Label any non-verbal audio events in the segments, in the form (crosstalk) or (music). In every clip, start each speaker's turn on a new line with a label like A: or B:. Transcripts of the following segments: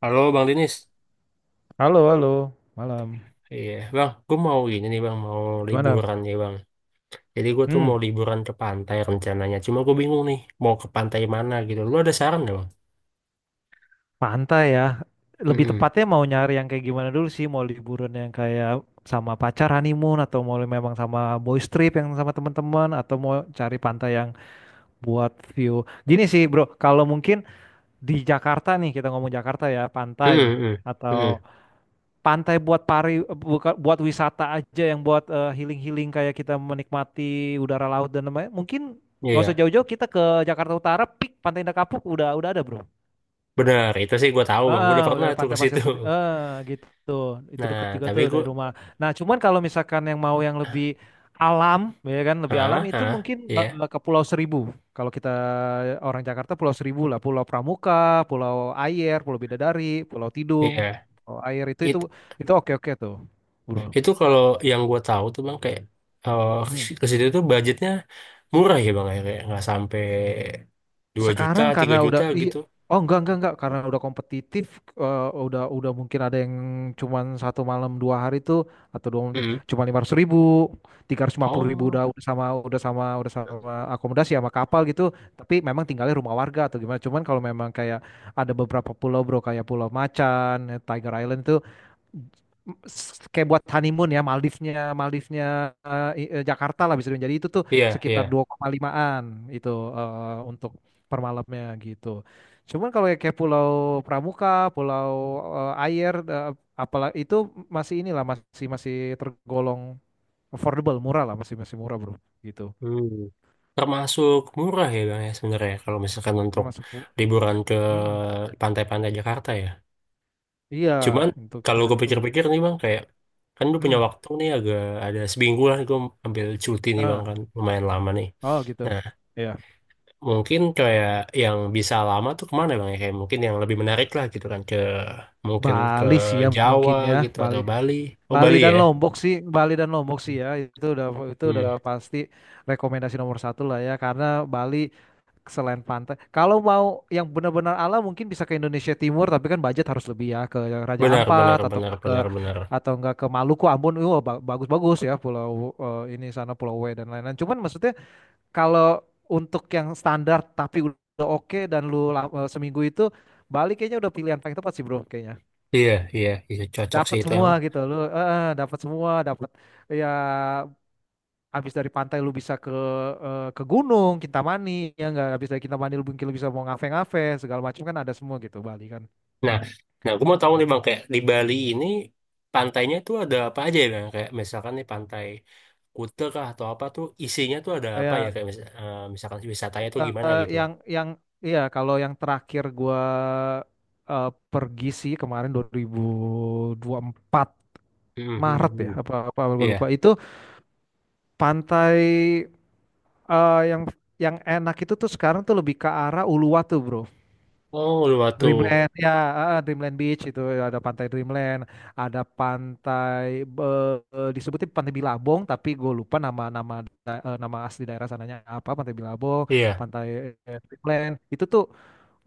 A: Halo Bang Dinis,
B: Halo, halo, malam.
A: iya Bang, gue mau gini nih Bang, mau
B: Gimana?
A: liburan ya Bang. Jadi gue tuh mau
B: Hmm,
A: liburan ke pantai rencananya. Cuma gue bingung nih, mau ke pantai mana gitu. Lu ada saran nggak Bang?
B: Pantai ya. Lebih
A: Mm-mm.
B: tepatnya mau nyari yang kayak gimana dulu sih? Mau liburan yang kayak sama pacar honeymoon atau mau memang sama boys trip yang sama teman-teman atau mau cari pantai yang buat view. Gini sih, Bro, kalau mungkin di Jakarta nih, kita ngomong Jakarta ya, pantai
A: Mm-mm.
B: atau
A: Mm-mm.
B: pantai buat pari buka, buat wisata aja yang buat healing-healing kayak kita menikmati udara laut dan lain-lain. Mungkin nggak usah
A: Iya,
B: jauh-jauh kita ke Jakarta Utara, pik Pantai Indah Kapuk udah ada, Bro.
A: benar. Itu sih gue tahu Bang, gue
B: Ah
A: udah pernah
B: udah
A: tuh
B: Pantai
A: ke situ.
B: Pasir Putih.
A: (laughs)
B: Gitu. Itu
A: Nah,
B: deket juga
A: tapi
B: tuh
A: gue,
B: dari rumah. Nah, cuman kalau misalkan yang mau yang lebih alam, ya kan, lebih alam
A: ah,
B: itu
A: ah,
B: mungkin
A: iya,
B: ke Pulau Seribu. Kalau kita orang Jakarta Pulau Seribu lah, Pulau Pramuka, Pulau Ayer, Pulau Bidadari, Pulau Tidung,
A: iya.
B: Pulau Ayer itu itu
A: It,
B: itu oke oke tuh, bro.
A: itu kalau yang gue tahu tuh Bang kayak eh,
B: Hmm.
A: ke situ tuh budgetnya murah ya Bang, ya, kayak nggak sampai 2 juta,
B: Sekarang
A: 3
B: karena udah
A: juta
B: iya,
A: gitu.
B: oh enggak karena udah kompetitif, udah mungkin ada yang cuman 1 malam 2 hari tuh atau 2 malam tuh
A: Mm.
B: cuma 500.000 350.000
A: Oh.
B: udah, udah sama akomodasi sama kapal gitu tapi memang tinggalnya rumah warga atau gimana cuman kalau memang kayak ada beberapa pulau bro kayak Pulau Macan Tiger Island itu kayak buat honeymoon ya Maldivnya, Maldivnya Jakarta lah bisa dibilang. Jadi itu tuh
A: Iya,
B: sekitar
A: iya.
B: 2,5an itu untuk per malamnya gitu. Cuman kalau yang kayak Pulau Pramuka, Pulau Air, apalah itu masih inilah masih masih tergolong affordable, murah lah masih masih murah bro gitu.
A: Hmm. Termasuk murah ya Bang ya sebenarnya kalau misalkan untuk
B: Masuk.
A: liburan ke
B: Mm,
A: pantai-pantai Jakarta ya.
B: iya
A: Cuman
B: untuk
A: kalau
B: hitungan
A: gue
B: itu.
A: pikir-pikir nih Bang, kayak kan gue punya
B: Mm,
A: waktu nih agak ada seminggu lah, gue ambil cuti nih Bang,
B: ah,
A: kan lumayan lama nih.
B: oh gitu.
A: Nah
B: Iya.
A: mungkin kayak yang bisa lama tuh kemana Bang ya, kayak mungkin yang lebih menarik lah gitu kan, ke mungkin ke
B: Bali sih ya
A: Jawa
B: mungkin ya,
A: gitu
B: Bali
A: atau Bali. Oh
B: Bali
A: Bali
B: dan
A: ya.
B: Lombok sih, Bali dan Lombok sih ya, itu udah
A: Hmm.
B: pasti rekomendasi nomor satu lah ya, karena Bali selain pantai, kalau mau yang benar-benar alam mungkin bisa ke Indonesia Timur, tapi kan budget harus lebih ya ke Raja
A: Benar, benar,
B: Ampat
A: benar, benar, benar.
B: atau enggak ke Maluku, Ambon, wah ba- bagus-bagus ya pulau ini sana Pulau W dan lain-lain. Cuman maksudnya kalau untuk yang standar tapi udah oke dan lu seminggu itu Bali kayaknya udah pilihan paling tepat sih bro, kayaknya
A: Iya, iya, iya cocok sih
B: dapat
A: itu
B: semua
A: emang.
B: gitu lu, dapat semua dapat. Ya habis dari pantai lu bisa ke gunung Kintamani ya nggak habis dari Kintamani lu mungkin lu bisa mau ngave-ngave segala macam kan ada semua gitu Bali kan.
A: Nah, nah aku mau tahu nih Bang, kayak di Bali ini pantainya tuh ada apa aja ya Bang? Kayak misalkan nih pantai Kuta kah atau apa tuh isinya tuh ada apa ya?
B: Ya,
A: Kayak misalkan wisatanya tuh gimana gitu
B: yang
A: Bang?
B: yang iya kalau yang terakhir gua pergi sih kemarin 2024
A: Hmm, hmm,
B: Maret ya
A: hmm.
B: apa apa gua lupa
A: Iya.
B: itu pantai eh, yang yang enak itu tuh sekarang tuh lebih ke arah Uluwatu bro.
A: Oh, Uluwatu.
B: Dreamland ya, Dreamland Beach itu ada pantai Dreamland ada pantai disebutin pantai Bilabong tapi gue lupa nama, nama asli daerah sananya apa pantai Bilabong
A: Iya.
B: pantai, Dreamland itu tuh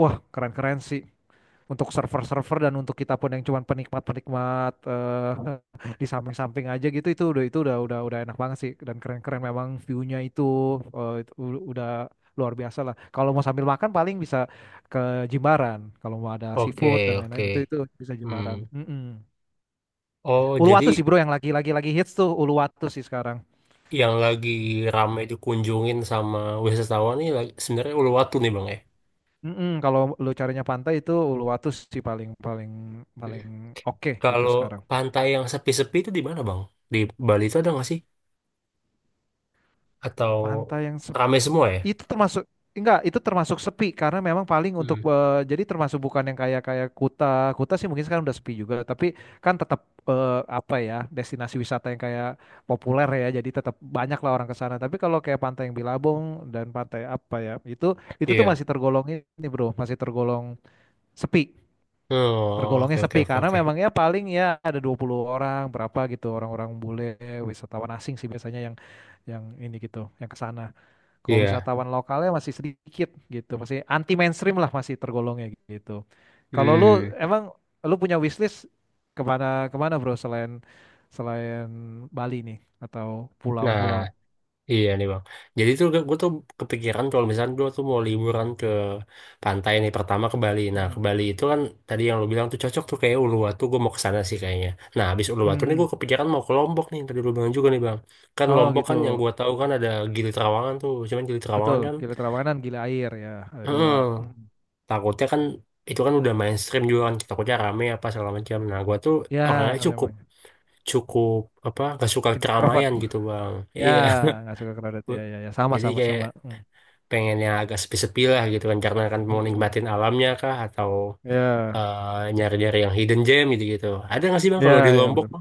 B: wah keren-keren sih untuk server-server dan untuk kita pun yang cuman penikmat-penikmat, (laughs) di samping-samping aja gitu itu udah itu udah enak banget sih dan keren-keren memang view-nya itu, itu udah luar biasa lah. Kalau mau sambil makan paling bisa ke Jimbaran. Kalau mau ada
A: Oke,
B: seafood dan
A: oke.
B: lain-lain gitu itu bisa Jimbaran.
A: Hmm.
B: Mm-mm.
A: Oh, jadi
B: Uluwatu sih bro yang lagi-lagi, lagi hits tuh Uluwatu sih sekarang.
A: yang lagi rame dikunjungin sama wisatawan nih sebenarnya Uluwatu nih Bang ya?
B: Mm-mm, kalau lu carinya pantai itu Uluwatu sih paling paling
A: Hmm.
B: paling oke gitu
A: Kalau
B: sekarang.
A: pantai yang sepi-sepi itu di mana Bang? Di Bali itu ada nggak sih? Atau
B: Pantai yang
A: rame semua ya?
B: itu termasuk enggak, itu termasuk sepi karena memang paling untuk
A: Hmm,
B: jadi termasuk bukan yang kayak kayak Kuta Kuta sih mungkin sekarang udah sepi juga tapi kan tetap, apa ya, destinasi wisata yang kayak populer ya jadi tetap banyak lah orang ke sana tapi kalau kayak pantai yang Bilabong dan pantai apa ya itu tuh
A: iya.
B: masih tergolong ini bro, masih tergolong sepi,
A: Oh, oke,
B: tergolongnya
A: oke,
B: sepi
A: oke,
B: karena
A: oke.
B: memang ya paling ya ada 20 orang berapa gitu, orang-orang bule wisatawan asing sih biasanya yang ini gitu yang ke sana kalau
A: Iya.
B: wisatawan lokalnya masih sedikit gitu, masih anti mainstream lah masih tergolongnya gitu. Kalau lu
A: Hmm.
B: emang lu punya wishlist kemana kemana bro selain selain Bali nih atau
A: Nah,
B: pulau-pulau?
A: iya nih Bang. Jadi tuh gue tuh kepikiran kalau misalnya gue tuh mau liburan ke pantai nih, pertama ke Bali. Nah,
B: Hmm.
A: ke Bali itu kan tadi yang lo bilang tuh cocok tuh kayak Uluwatu, gue mau ke sana sih kayaknya. Nah, habis Uluwatu nih gue
B: Hmm.
A: kepikiran mau ke Lombok nih, tadi lo bilang juga nih Bang. Kan
B: Oh
A: Lombok
B: gitu,
A: kan yang gue tahu kan ada Gili Trawangan tuh. Cuman Gili Trawangan
B: betul.
A: kan,
B: Gila Trawangan, gila air ya, ada dua.
A: heeh,
B: Mm.
A: takutnya kan itu kan udah mainstream juga kan, takutnya rame apa segala macam. Nah, gue tuh orangnya
B: Ya
A: cukup
B: memang
A: cukup apa gak suka
B: introvert.
A: keramaian gitu bang,
B: Ya
A: iya.
B: nggak suka crowded
A: (laughs)
B: ya
A: Gua-
B: ya ya sama
A: jadi
B: sama
A: kayak
B: sama. Hmm.
A: pengen yang agak sepi-sepi lah gitu kan, karena kan mau
B: Hmm.
A: nikmatin alamnya kah atau
B: Ya
A: nyari-nyari yang hidden gem gitu gitu, ada nggak sih bang kalau di
B: ya ya
A: Lombok?
B: betul.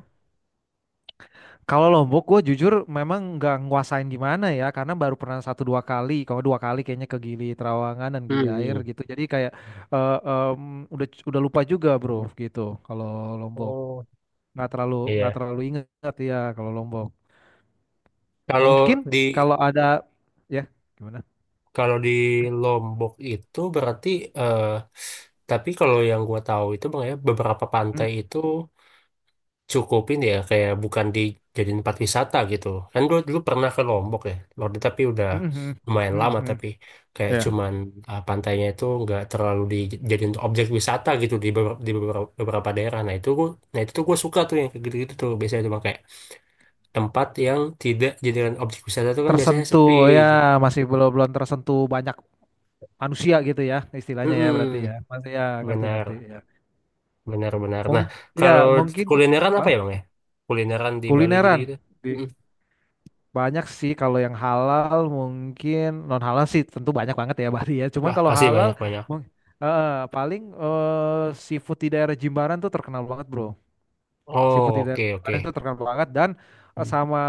B: Kalau Lombok, gue jujur memang nggak nguasain gimana ya, karena baru pernah satu dua kali, kalau dua kali kayaknya ke Gili Trawangan dan Gili
A: Hmm. Hmm.
B: Air gitu. Jadi kayak, eh, em, udah lupa juga bro gitu. Kalau Lombok
A: Oh
B: nggak terlalu nggak
A: iya,
B: terlalu ingat ya kalau Lombok.
A: kalau
B: Mungkin
A: di
B: kalau ada, ya gimana?
A: kalau di Lombok itu berarti eh tapi kalau yang gua tahu itu bang ya, beberapa
B: Hmm,
A: pantai itu cukupin ya, kayak bukan dijadiin tempat wisata gitu, kan dulu dulu pernah ke Lombok ya, Lombok tapi udah
B: hmm, hmm,
A: lumayan
B: hmm,
A: lama,
B: hmm.
A: tapi kayak
B: Ya
A: cuman pantainya itu nggak terlalu dijadiin objek wisata gitu di beberapa, beberapa daerah. Nah itu gua, nah itu tuh gue suka tuh yang kayak gitu-gitu tuh, biasanya cuma kayak tempat yang tidak jadikan objek wisata tuh kan biasanya
B: tersentuh
A: sepi
B: ya,
A: gitu.
B: masih belum belum tersentuh banyak manusia gitu ya istilahnya ya berarti ya
A: Mm-mm.
B: masih ya ngerti ngerti
A: Benar,
B: ya.
A: benar, benar. Nah,
B: Mungkin ya,
A: kalau
B: mungkin gitu.
A: kulineran apa ya bang ya, kulineran di Bali
B: Kulineran
A: gitu-gitu.
B: di
A: Mm-mm.
B: banyak sih kalau yang halal, mungkin non halal sih tentu banyak banget ya (laughs) Bari ya. Cuman
A: Bah
B: kalau
A: pasti
B: halal
A: banyak, banyak.
B: mung- eh, paling, seafood di daerah Jimbaran tuh terkenal banget bro. Seafood
A: Oh,
B: di daerah
A: oke, oke.
B: Jimbaran tuh terkenal banget dan
A: Hmm.
B: sama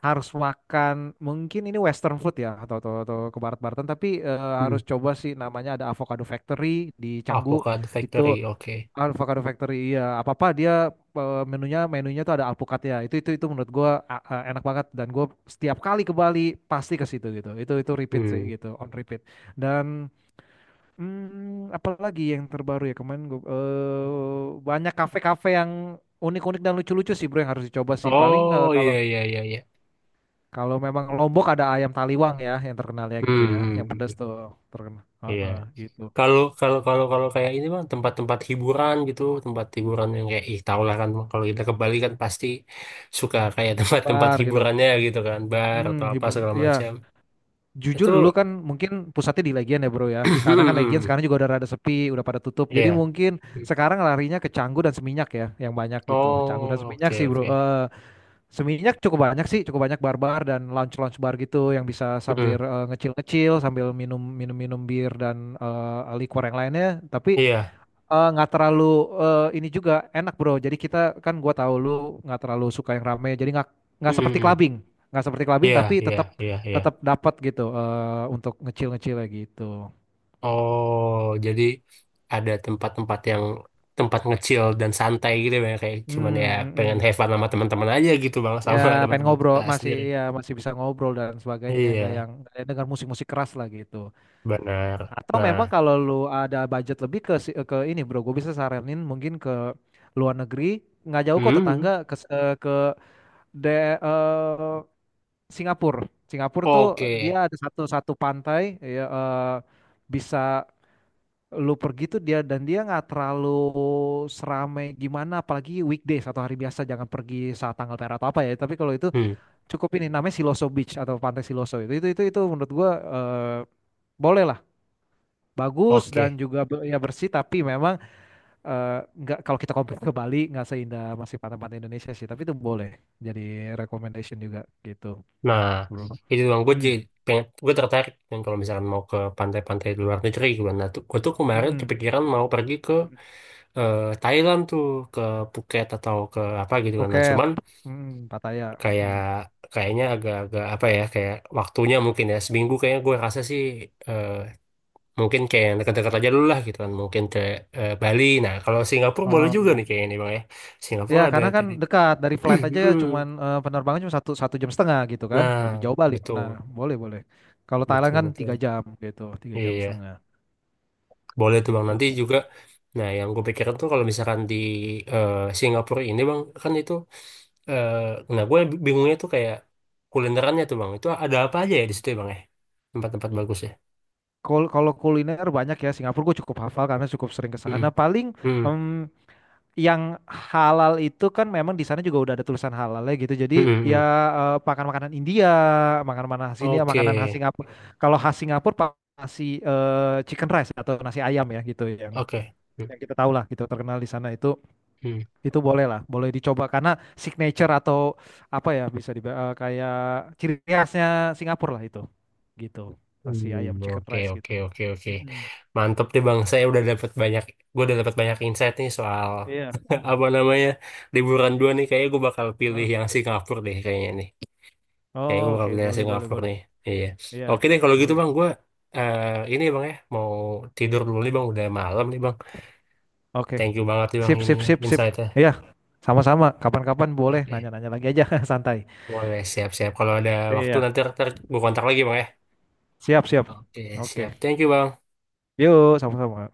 B: harus makan mungkin ini Western food ya atau ke barat-baratan tapi
A: Hmm.
B: harus coba sih namanya ada Avocado Factory di Canggu
A: Avocado
B: itu
A: Factory, oke.
B: Avocado Factory iya apa apa dia menunya menunya tuh ada alpukatnya itu menurut gua enak banget dan gua setiap kali ke Bali pasti ke situ gitu itu repeat sih
A: Hmm.
B: gitu on repeat dan, hmm, apalagi yang terbaru ya kemarin gua banyak kafe-kafe yang unik-unik dan lucu-lucu sih bro yang harus dicoba sih paling,
A: Oh iya,
B: kalau
A: iya, iya, iya.
B: kalau memang Lombok ada ayam taliwang ya yang terkenal ya
A: Hmm.
B: gitu ya
A: Hmm,
B: yang
A: hmm.
B: pedas tuh terkenal.
A: Iya.
B: Heeh, gitu,
A: Kalau kalau kalau kalau kayak ini bang, tempat-tempat hiburan gitu, tempat hiburan yang kayak, ih tau lah kan Bang, kalau kita ke Bali kan pasti suka kayak (laughs) tempat-tempat
B: bar gitu,
A: hiburannya gitu kan, bar atau apa
B: ibu
A: segala
B: iya.
A: macam.
B: Jujur
A: Itu
B: dulu kan mungkin pusatnya di Legian ya bro ya. Karena kan Legian sekarang juga
A: (clears throat)
B: udah rada sepi, udah pada tutup. Jadi
A: iya.
B: mungkin sekarang larinya ke Canggu dan Seminyak ya, yang banyak gitu. Canggu dan
A: Oh,
B: Seminyak
A: oke
B: sih bro.
A: oke.
B: Seminyak cukup banyak sih, cukup banyak bar-bar dan lounge-lounge bar gitu yang bisa sambil,
A: Hmm.
B: ngecil-ngecil, sambil minum-minum bir dan liquor yang lainnya. Tapi,
A: Iya.
B: Nggak terlalu, ini juga enak bro. Jadi kita kan gua tahu lu nggak terlalu suka yang rame. Jadi nggak
A: Hmm. Hmm,
B: seperti
A: hmm.
B: clubbing, nggak seperti clubbing
A: Iya,
B: tapi
A: iya,
B: tetap
A: iya, iya.
B: tetap dapat gitu, untuk ngecil-ngecil ya gitu.
A: Oh, jadi ada tempat-tempat yang, tempat ngecil dan santai gitu ya, kayak
B: Hmm,
A: cuman ya
B: mm,
A: pengen
B: mm.
A: have fun sama teman-teman aja gitu bang,
B: Ya
A: sama (laughs)
B: pengen
A: teman-teman
B: ngobrol
A: kita
B: masih
A: sendiri.
B: ya masih bisa ngobrol dan sebagainya, nggak
A: Iya,
B: yang nggak yang dengar musik-musik keras lah gitu.
A: benar.
B: Atau memang
A: Nah,
B: kalau lu ada budget lebih ke, ini bro, gue bisa saranin mungkin ke luar negeri nggak jauh kok
A: hmm,
B: tetangga ke de, eh, Singapura. Singapura tuh
A: oke,
B: dia ada satu satu pantai ya, bisa lu pergi tuh dia dan dia nggak terlalu serame gimana apalagi weekdays atau hari biasa jangan pergi saat tanggal merah atau apa ya. Tapi kalau itu
A: hmm,
B: cukup ini namanya Siloso Beach atau Pantai Siloso itu menurut gua, boleh lah. Bagus dan
A: oke.
B: juga be- ya bersih tapi memang, eh, nggak, kalau kita compare ke Bali nggak seindah, masih pantai-pantai Indonesia sih tapi itu boleh jadi recommendation juga gitu
A: Nah,
B: bro.
A: itu bang gue
B: Hmm.
A: jadi pengen, gue tertarik, dan kalau misalkan mau ke pantai-pantai di luar negeri, gue nah tuh gue tuh kemarin
B: Mm-mm.
A: kepikiran mau pergi ke Thailand tuh, ke Phuket atau ke apa gitu kan, nah
B: Phuket,
A: cuman
B: Pattaya.
A: kayak
B: Hmm.
A: kayaknya agak-agak apa ya, kayak waktunya mungkin ya seminggu kayaknya gue rasa sih, eh, mungkin kayak yang dekat-dekat aja dulu lah gitu kan, mungkin ke Bali, nah kalau Singapura boleh
B: Oh.
A: juga nih kayaknya nih bang ya.
B: Ya
A: Singapura ada
B: karena kan
A: tadi (clears throat)
B: dekat dari flight aja ya,
A: hmm.
B: cuman penerbangan cuma satu satu jam setengah gitu kan, lebih
A: Nah
B: jauh Bali.
A: betul,
B: Nah boleh boleh. Kalau Thailand
A: betul,
B: kan tiga
A: betul,
B: jam gitu, tiga jam
A: iya
B: setengah
A: boleh tuh bang
B: gitu.
A: nanti juga. Nah yang gue pikirin tuh, kalau misalkan di eh, Singapura ini bang kan itu, eh, nah gue bingungnya tuh kayak kulinerannya tuh bang, itu ada apa aja ya di situ ya bang ya, tempat-tempat bagus
B: Kul- Kalau kuliner banyak ya Singapura gue cukup hafal karena cukup sering ke sana.
A: ya.
B: Paling,
A: Hmm,
B: mmm, yang halal itu kan memang di sana juga udah ada tulisan halalnya gitu. Jadi
A: hmm, hmm.
B: ya,
A: Hmm.
B: makan makanan India, makan makanan mana sini,
A: Oke,
B: makanan khas Singapura. Kalau khas Singapura pa- nasi, chicken rice atau nasi ayam ya gitu
A: oke. Hmm,
B: yang kita tahu lah gitu terkenal di sana itu
A: hmm.
B: itu boleh lah, boleh dicoba karena signature atau apa ya bisa di kayak ciri khasnya Singapura lah itu. Gitu. Nasi ayam
A: Hmm,
B: chicken
A: oke,
B: rice
A: oke,
B: gitu.
A: oke, oke.
B: Mm-mm.
A: Mantep deh Bang. Saya udah dapat banyak, gue udah dapat banyak insight nih soal
B: Iya.
A: (laughs) apa namanya liburan dua nih. Kayaknya gue bakal pilih
B: Heeh.
A: yang Singapura deh, kayaknya nih. Kayaknya
B: Oh,
A: gue bakal
B: Oke,
A: pilih yang
B: boleh boleh
A: Singapura
B: boleh.
A: nih. Iya.
B: Iya,
A: Oke deh, kalau gitu
B: boleh.
A: Bang, gue eh ini ya, Bang ya mau tidur dulu nih Bang. Udah malam nih Bang.
B: Oke.
A: Thank you banget nih Bang
B: Sip, sip,
A: ininya,
B: sip, sip.
A: insightnya.
B: Iya, sama-sama. Kapan-kapan boleh
A: Oke,
B: nanya-nanya lagi aja, (laughs) santai.
A: boleh siap-siap. Kalau ada waktu
B: Iya,
A: nanti, gue kontak lagi Bang ya.
B: siap, siap.
A: Oke,
B: Oke,
A: siap. Thank you, Bang.
B: yuk, sama-sama.